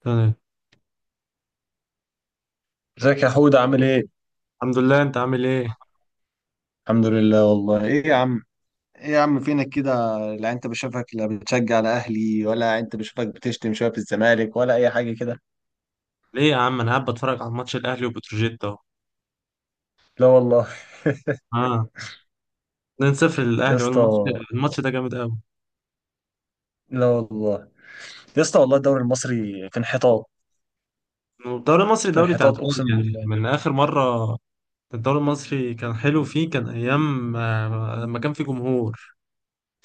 تمام. ازيك يا حود عامل ايه؟ الحمد لله، انت عامل ايه؟ الحمد لله والله ايه يا عم. ايه يا عم فينك كده، لا انت بشوفك لا بتشجع على اهلي ولا انت بشوفك بتشتم شويه في الزمالك ولا اي حاجه كده. ليه يا عم؟ انا قاعد بتفرج على ماتش الاهلي وبتروجيت اهو. لا والله. اه. 2-0 يا للاهلي اسطى، والماتش. الماتش ده جامد قوي. لا والله. يا اسطى والله الدوري المصري في انحطاط، الدوري المصري في دوري انحطاط تعبان. اقسم يعني بالله. من اخر مره، الدوري المصري كان حلو، فيه كان ايام لما كان في جمهور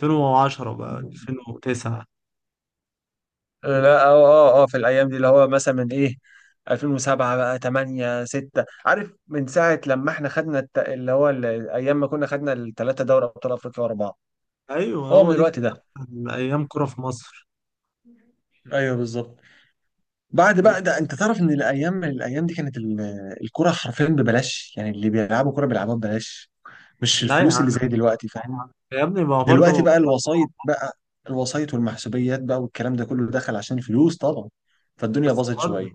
2010 بقى 2009. لا في الايام دي اللي هو مثلا من ايه، 2007 بقى 8 6، عارف من ساعه لما احنا خدنا الت... اللي هو ال- ايام ما كنا خدنا الثلاثه دوري ابطال افريقيا ورا بعض، ايوه، هو من هو دي كانت الوقت ده. احسن ايام كرة في مصر. ايوه بالظبط. بعد بقى ده انت تعرف ان الايام دي كانت الكرة حرفيا ببلاش، يعني اللي بيلعبوا كرة بيلعبوها ببلاش، مش لا يا الفلوس اللي زي عم. دلوقتي، فاهم؟ يا ابني، ما هو دلوقتي برضه. بقى الوسايط بقى، الوسايط والمحسوبيات بقى والكلام ده كله دخل عشان الفلوس طبعا، فالدنيا بس باظت برضه شوية.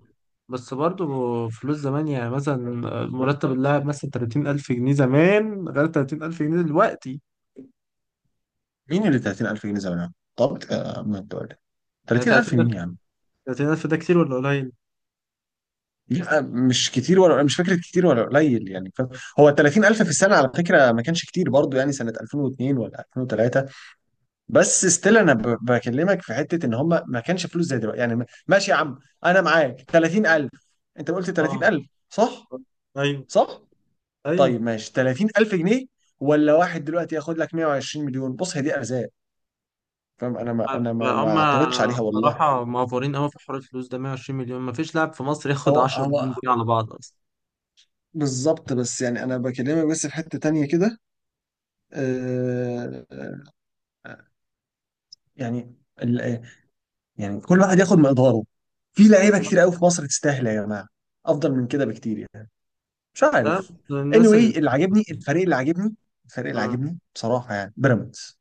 بس برضه. فلوس زمان يعني مثلا، مرتب اللاعب مثلا 30,000 جنيه زمان غير 30,000 جنيه دلوقتي. مين اللي 30000 جنيه زمان؟ طب ما انت قلت يعني 30000 مين 30,000. يا عم؟ 30,000 ده كتير ولا قليل؟ لا مش كتير، ولا مش فكرة كتير ولا قليل يعني، فاهم؟ هو 30000 في السنة على فكرة ما كانش كتير برضو، يعني سنة 2002 ولا 2003، بس ستيل انا بكلمك في حته ان هم ما كانش فلوس زي دلوقتي، يعني ماشي يا عم. انا معاك 30000، انت قلت اه. 30000 صح؟ ايوه، صح. ايوه. طيب ماشي 30000 جنيه، ولا واحد دلوقتي ياخد لك 120 مليون، بص هي دي ارزاق، فاهم؟ انا ما انا ما هم ما اعترضتش عليها والله. بصراحة معفورين قوي في حوار الفلوس ده. 120 مليون، ما فيش لاعب في مصر ياخد هو 10 هو مليون جنيه على بعض اصلا. بالظبط، بس يعني انا بكلمك بس في حته تانية كده. آه، آه، يعني ال- يعني كل واحد ياخد مقداره، في بس لعيبه كتير قوي في مصر تستاهل يا جماعه افضل من كده بكتير يعني. مش ده عارف، الناس اللي. anyway. اللي عاجبني الفريق اللي عاجبني الفريق اللي اه، عاجبني بصراحة يعني بيراميدز،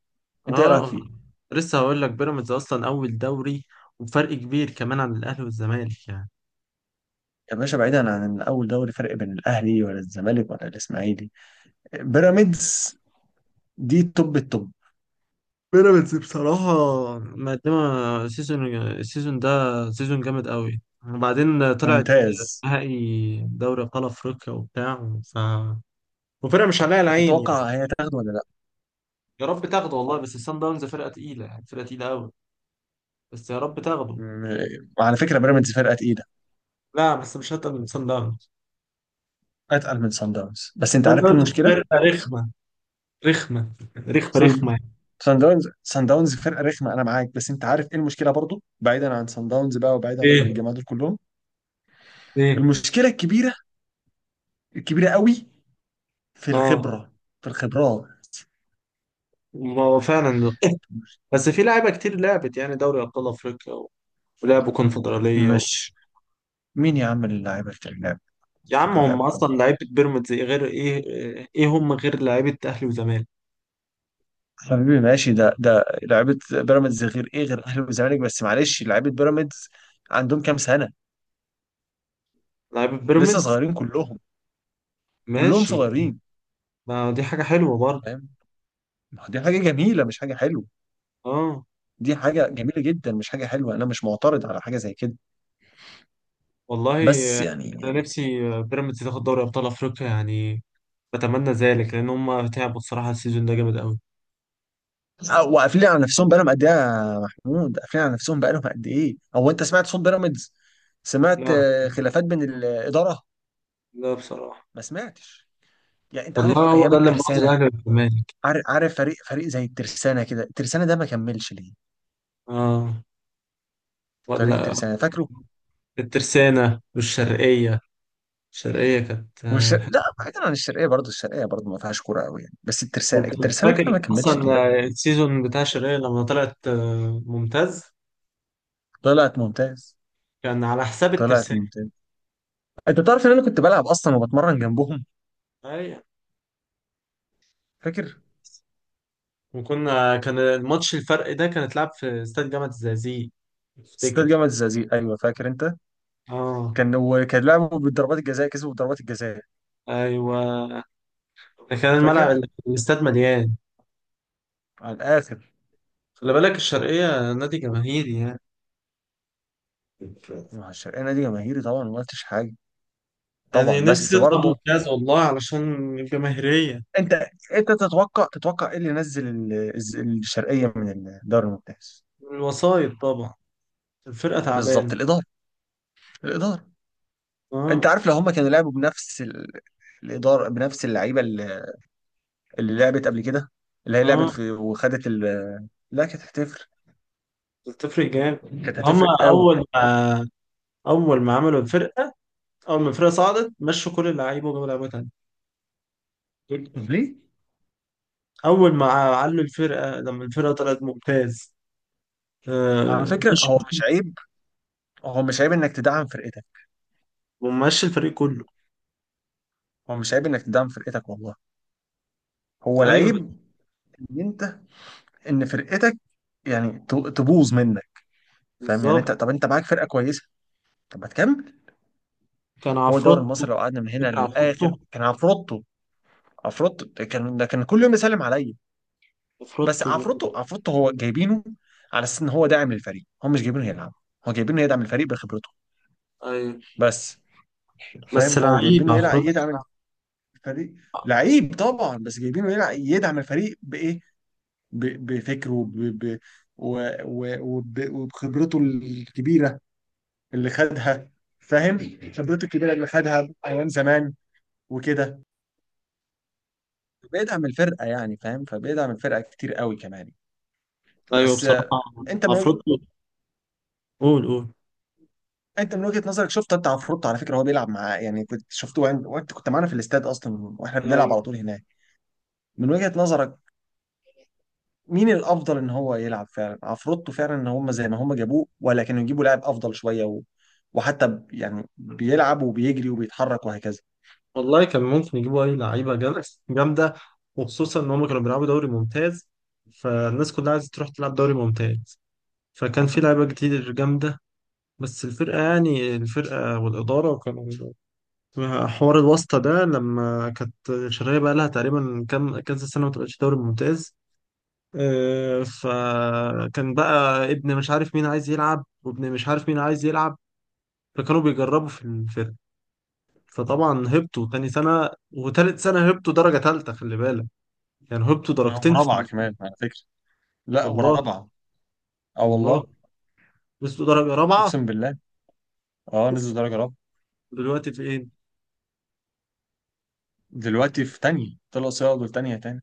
انت ايه رايك اه. فيه؟ لسه هقول لك، بيراميدز اصلا اول دوري، وبفرق كبير كمان عن الاهلي والزمالك يعني. يا باشا، بعيدا عن ان اول دوري فرق بين الاهلي ولا الزمالك ولا الاسماعيلي، بيراميدز دي توب التوب. بيراميدز بصراحة مقدمة السيزون ده. سيزون جامد قوي. وبعدين طلعت ممتاز. نهائي دوري أبطال أفريقيا وبتاع وفرقة مش عليها العين تتوقع يعني. هي تاخده ولا لا؟ يا رب تاخده والله، بس الصن داونز فرقة تقيلة، يعني فرقة تقيلة قوي. بس يا رب تاخده. وعلى فكره بيراميدز فرقه تقيله، لا، بس مش هتقل من صن داونز. اتقل من سان داونز. بس انت صن عارف ايه داونز المشكله؟ فرقة رخمة. رخمة. رخمة سان رخمة يعني. سان داونز فرقه رخمه، انا معاك، بس انت عارف ايه المشكله برضو، بعيدا عن سان داونز بقى وبعيدا عن ايه، الجماعه دول كلهم؟ ايه. المشكله الكبيره، الكبيره قوي، في اه، الخبرة، في الخبرات. ما هو فعلا. بس في لعيبة كتير لعبت يعني دوري أبطال أفريقيا ولعبوا كونفدرالية. مش مين يا عم اللاعب الكلاب؟ يا عم، افتكر هم لعبكم اصلا لعيبه بيراميدز إيه غير ايه؟ ايه هم غير لعيبه اهلي وزمالك؟ حبيبي، ماشي. ده لعيبة بيراميدز غير ايه، غير الاهلي والزمالك، بس معلش لعيبة بيراميدز عندهم كام سنة؟ لعيبه لسه بيراميدز. صغيرين كلهم، كلهم ماشي. صغيرين، ما دي حاجه حلوه برضه. فاهم؟ ما هو دي حاجة جميلة مش حاجة حلوة، اه، دي حاجة جميلة جدا مش حاجة حلوة، انا مش معترض على حاجة زي كده، والله. بس انا يعني. نفسي بيراميدز تاخد دوري ابطال افريقيا يعني، بتمنى ذلك لان هم تعبوا الصراحه، السيزون ده جامد قوي. وقافلين على نفسهم بقالهم قد ايه يا محمود؟ قافلين على نفسهم بقالهم قد ايه؟ هو انت سمعت صوت بيراميدز؟ سمعت لا. خلافات بين الاداره؟ لا بصراحه. ما سمعتش. يعني انت والله عارف هو ايام ده اللي مبوظ الترسانه، الاهلي والزمالك. عارف؟ عارف فريق زي الترسانه كده، الترسانه ده ما كملش ليه؟ اه. فريق ولا الترسانه فاكره؟ الترسانه والشرقيه. الشرقيه كانت. لا بعيدا عن الشرقيه، برضه الشرقيه برضه ما فيهاش كوره قوي يعني، بس ما الترسانه، انت كنت الترسانه ده فاكر ما كملش اصلا ليه؟ السيزون بتاع شيرين لما طلعت ممتاز. طلعت ممتاز، كان على حساب طلعت الترسانة. ممتاز. انت تعرف ان انا كنت بلعب اصلا وبتمرن جنبهم؟ اي. فاكر وكنا كان الماتش، الفرق ده كان اتلعب في استاد جامعة الزقازيق، استاد افتكر. جامعه الزقازيق؟ ايوه فاكر انت، اه. كان وكان لعبوا بالضربات الجزاء كسبوا بضربات الجزاء. ايوه. ده كان الملعب، فاكر الاستاد مليان. على الاخر. خلي بالك، الشرقية نادي جماهيري يعني. مع الشرقانه دي جماهيري طبعا، ما قلتش حاجه، طبعا يعني بس نفسي يطلع برضه. ممتاز والله علشان الجماهيرية. انت انت تتوقع، تتوقع ايه اللي نزل الشرقيه من الدوري الممتاز؟ الوسايط طبعا. الفرقة تعبانة. بالظبط، الاداره، الاداره. انت اه. عارف لو هم كانوا لعبوا بنفس الاداره بنفس اللعيبه اللي، اللي لعبت قبل كده، اللي هي لعبت اه. في وخدت لا كانت هتفرق، بتفرق جامد. كانت هما هتفرق قوي. أول ما عملوا الفرقه، اول ما الفرقه صعدت، مشوا كل اللعيبه وجابوا لعيبه تانية. طب ليه؟ اول ما علوا الفرقه، لما الفرقه طلعت ممتاز، على فكره مشي، هو مش عيب، هو مش عيب انك تدعم فرقتك، ومشي الفريق كله. هو مش عيب انك تدعم فرقتك والله. هو ايوه، العيب ان انت، ان فرقتك يعني تبوظ منك، فاهم؟ يعني انت، بالظبط. طب انت معاك فرقه كويسه طب ما تكمل. كان هو الدوري عفروتو. المصري لو قعدنا من هنا فاكر للاخر عفروتو؟ كان عفروتو، عفروتو ده كان، ده كان كل يوم يسلم عليا. بس عفروتو. عفروتو، عفروتو هو جايبينه على اساس ان هو داعم للفريق، هو مش جايبينه يلعب، هو جايبينه يدعم الفريق بخبرته، ايوه. بس. فاهم، بس هو لعيب جايبينه يلعب عفروتو. يدعم الفريق. لعيب طبعا، بس جايبينه يلعب يدعم الفريق بايه؟ بفكره و- وبخبرته الكبيرة اللي خدها، فاهم؟ خبرته الكبيرة اللي خدها أيام زمان وكده، بيدعم الفرقة يعني، فاهم؟ فبيدعم الفرقة كتير قوي كمان. ايوه، بس بصراحه. انت عفروتو. قول، قول. انت من وجهة نظرك شفت انت عفروتو، على فكرة هو بيلعب معاه يعني، كنت شفته وانت، وأنت كنت معانا في الاستاد اصلا واحنا بنلعب ايوه، على طول هناك. من وجهة نظرك مين الافضل، ان هو يلعب فعلا عفروتو فعلا، ان هم زي ما هم جابوه، ولا كانوا يجيبوا لاعب افضل شويه، وحتى يعني بيلعب وبيجري وبيتحرك وهكذا. والله كان ممكن يجيبوا اي لعيبه جامده. جامده. وخصوصا ان هم كانوا بيلعبوا دوري ممتاز، فالناس كلها عايزه تروح تلعب دوري ممتاز. فكان في لعيبة كتير جامدة. بس الفرقة يعني الفرقة والإدارة كانوا حوار الواسطة ده، لما كانت الشرقية بقى لها تقريبا كام كذا سنة ما تبقاش دوري ممتاز. فكان بقى ابن مش عارف مين عايز يلعب وابن مش عارف مين عايز يلعب. فكانوا بيجربوا في الفرقة. فطبعا هبطوا تاني سنة وتالت سنة هبطوا درجة تالتة، خلي بالك. يعني هبطوا درجتين في ورابعه سنة. كمان على فكره، لا والله. ورابعه. اه والله، والله. وصلوا درجة رابعة. اقسم بالله. اه نزلوا درجه رابعه. دلوقتي في ايه؟ دلوقتي في تانية، طلعوا سياقوا تانية تاني.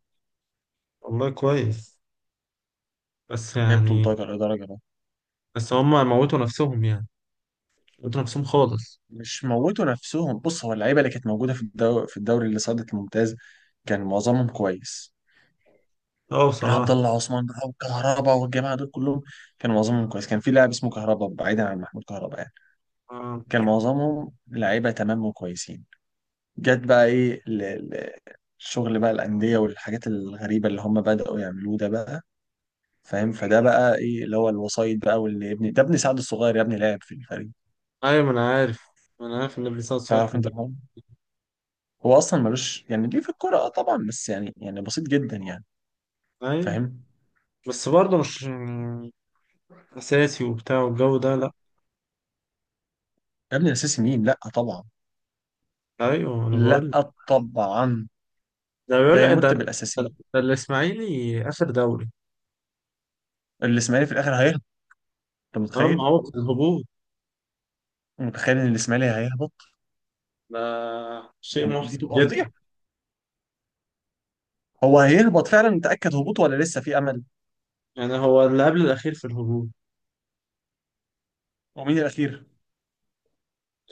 والله كويس. بس هبطوا يعني، لدرجه، درجه رابعه. بس هم موتوا نفسهم يعني. موتوا نفسهم خالص. مش موتوا نفسهم، بص هو اللعيبه اللي كانت موجوده في الدوري، في الدوري اللي صعدت الممتاز، كان معظمهم كويس. اه، عبد بصراحة. الله عثمان بقى، وكهربا، والجماعه دول كلهم، كان معظمهم كويس. كان في لاعب اسمه كهربا بعيدا عن محمود كهربا يعني، آه. كان معظمهم لعيبه تمام وكويسين. جت بقى ايه الشغل بقى الانديه والحاجات الغريبه اللي هم بداوا يعملوه ده بقى، فاهم؟ فده بقى ايه، اللي هو الوسايط بقى، واللي ابني ده ابن سعد الصغير يا ابني لاعب في الفريق، ايوه، ما انا عارف. ما انا عارف ان ابن سعد صغير تعرف كان انت بيلعب. الحوار؟ هو اصلا ملوش يعني ليه في الكوره، اه طبعا، بس يعني، يعني بسيط جدا يعني، ايوه، فاهم؟ بس برضه مش يعني اساسي وبتاع والجو ده، لا. يا ابني الاساسي مين؟ لا طبعا، ايوه انا بقول لك. لا طبعا، ده بيقول لا لك، ده يمت ده بالاساسي. ده الاسماعيلي اخر دوري. الاسماعيلي في الاخر هيهبط، انت اه، ما متخيل؟ هو في الهبوط. متخيل ان الاسماعيلي هيهبط؟ ده شيء يعني دي محزن تبقى جدا. فضيحه. هو هيهبط فعلا، متاكد هبوطه ولا لسه في امل؟ يعني هو اللي قبل الاخير في الهبوط. ومين الاخير؟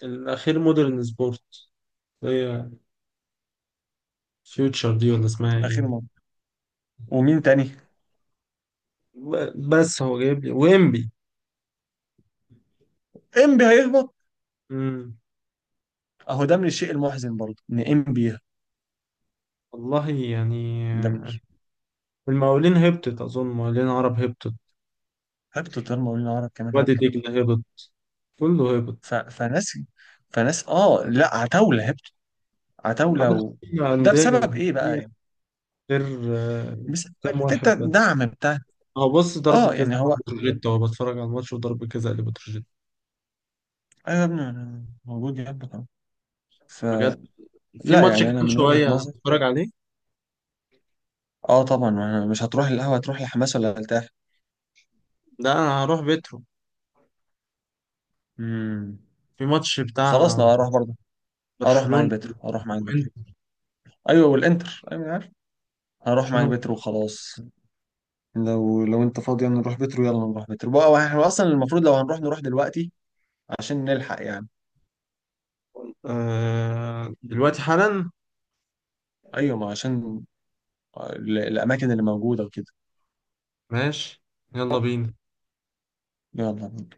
الاخير مودرن سبورت. هي فيوتشر دي ولا اسمها ايه؟ الاخير مهم. ومين تاني؟ بس هو جايب لي ويمبي. انبي هيهبط. امم. اهو ده من الشيء المحزن برضه ان انبي يهبط. والله يعني. ده من، المقاولين هبطت، أظن مقاولين عرب هبطت. هبطت المقاولين العرب كمان وادي هبط. دجلة هبط. كله هبط. فناس، فناس اه لا، عتاوله هبط، عتاوله معاك. ده أندية بسبب ايه بقى جماهيرية يعني؟ غير آه، بسبب كام واحد حته بس. الدعم بتاع. هو بص، ضربة اه يعني جزاء هو، بتروجيت. هو بتفرج على الماتش وضربة جزاء لبتروجيت. ايوه يا ابني أنا موجود يهبط أهو. بجد، فلا في ماتش يعني انا كمان من وجهه شوية نظري، هتفرج عليه. اه طبعا. أنا مش هتروح القهوة، هتروح لحماس ولا هترتاح؟ ده أنا هروح بيترو. امم، في ماتش خلاص بتاع انا هروح برضه. هروح معاك برشلونة بترو، هروح معاك بترو. وإنتر. ايوه والانتر، ايوه أنا عارف، هروح برشلونة معاك بترو وإنتر. وخلاص. لو انت فاضي يلا نروح بترو، يلا نروح بترو بقى، احنا اصلا المفروض لو هنروح نروح دلوقتي عشان نلحق يعني. آه، دلوقتي حالا. ايوه ما عشان الاماكن اللي موجودة وكده. ماشي. يلا بينا. يلا بينا.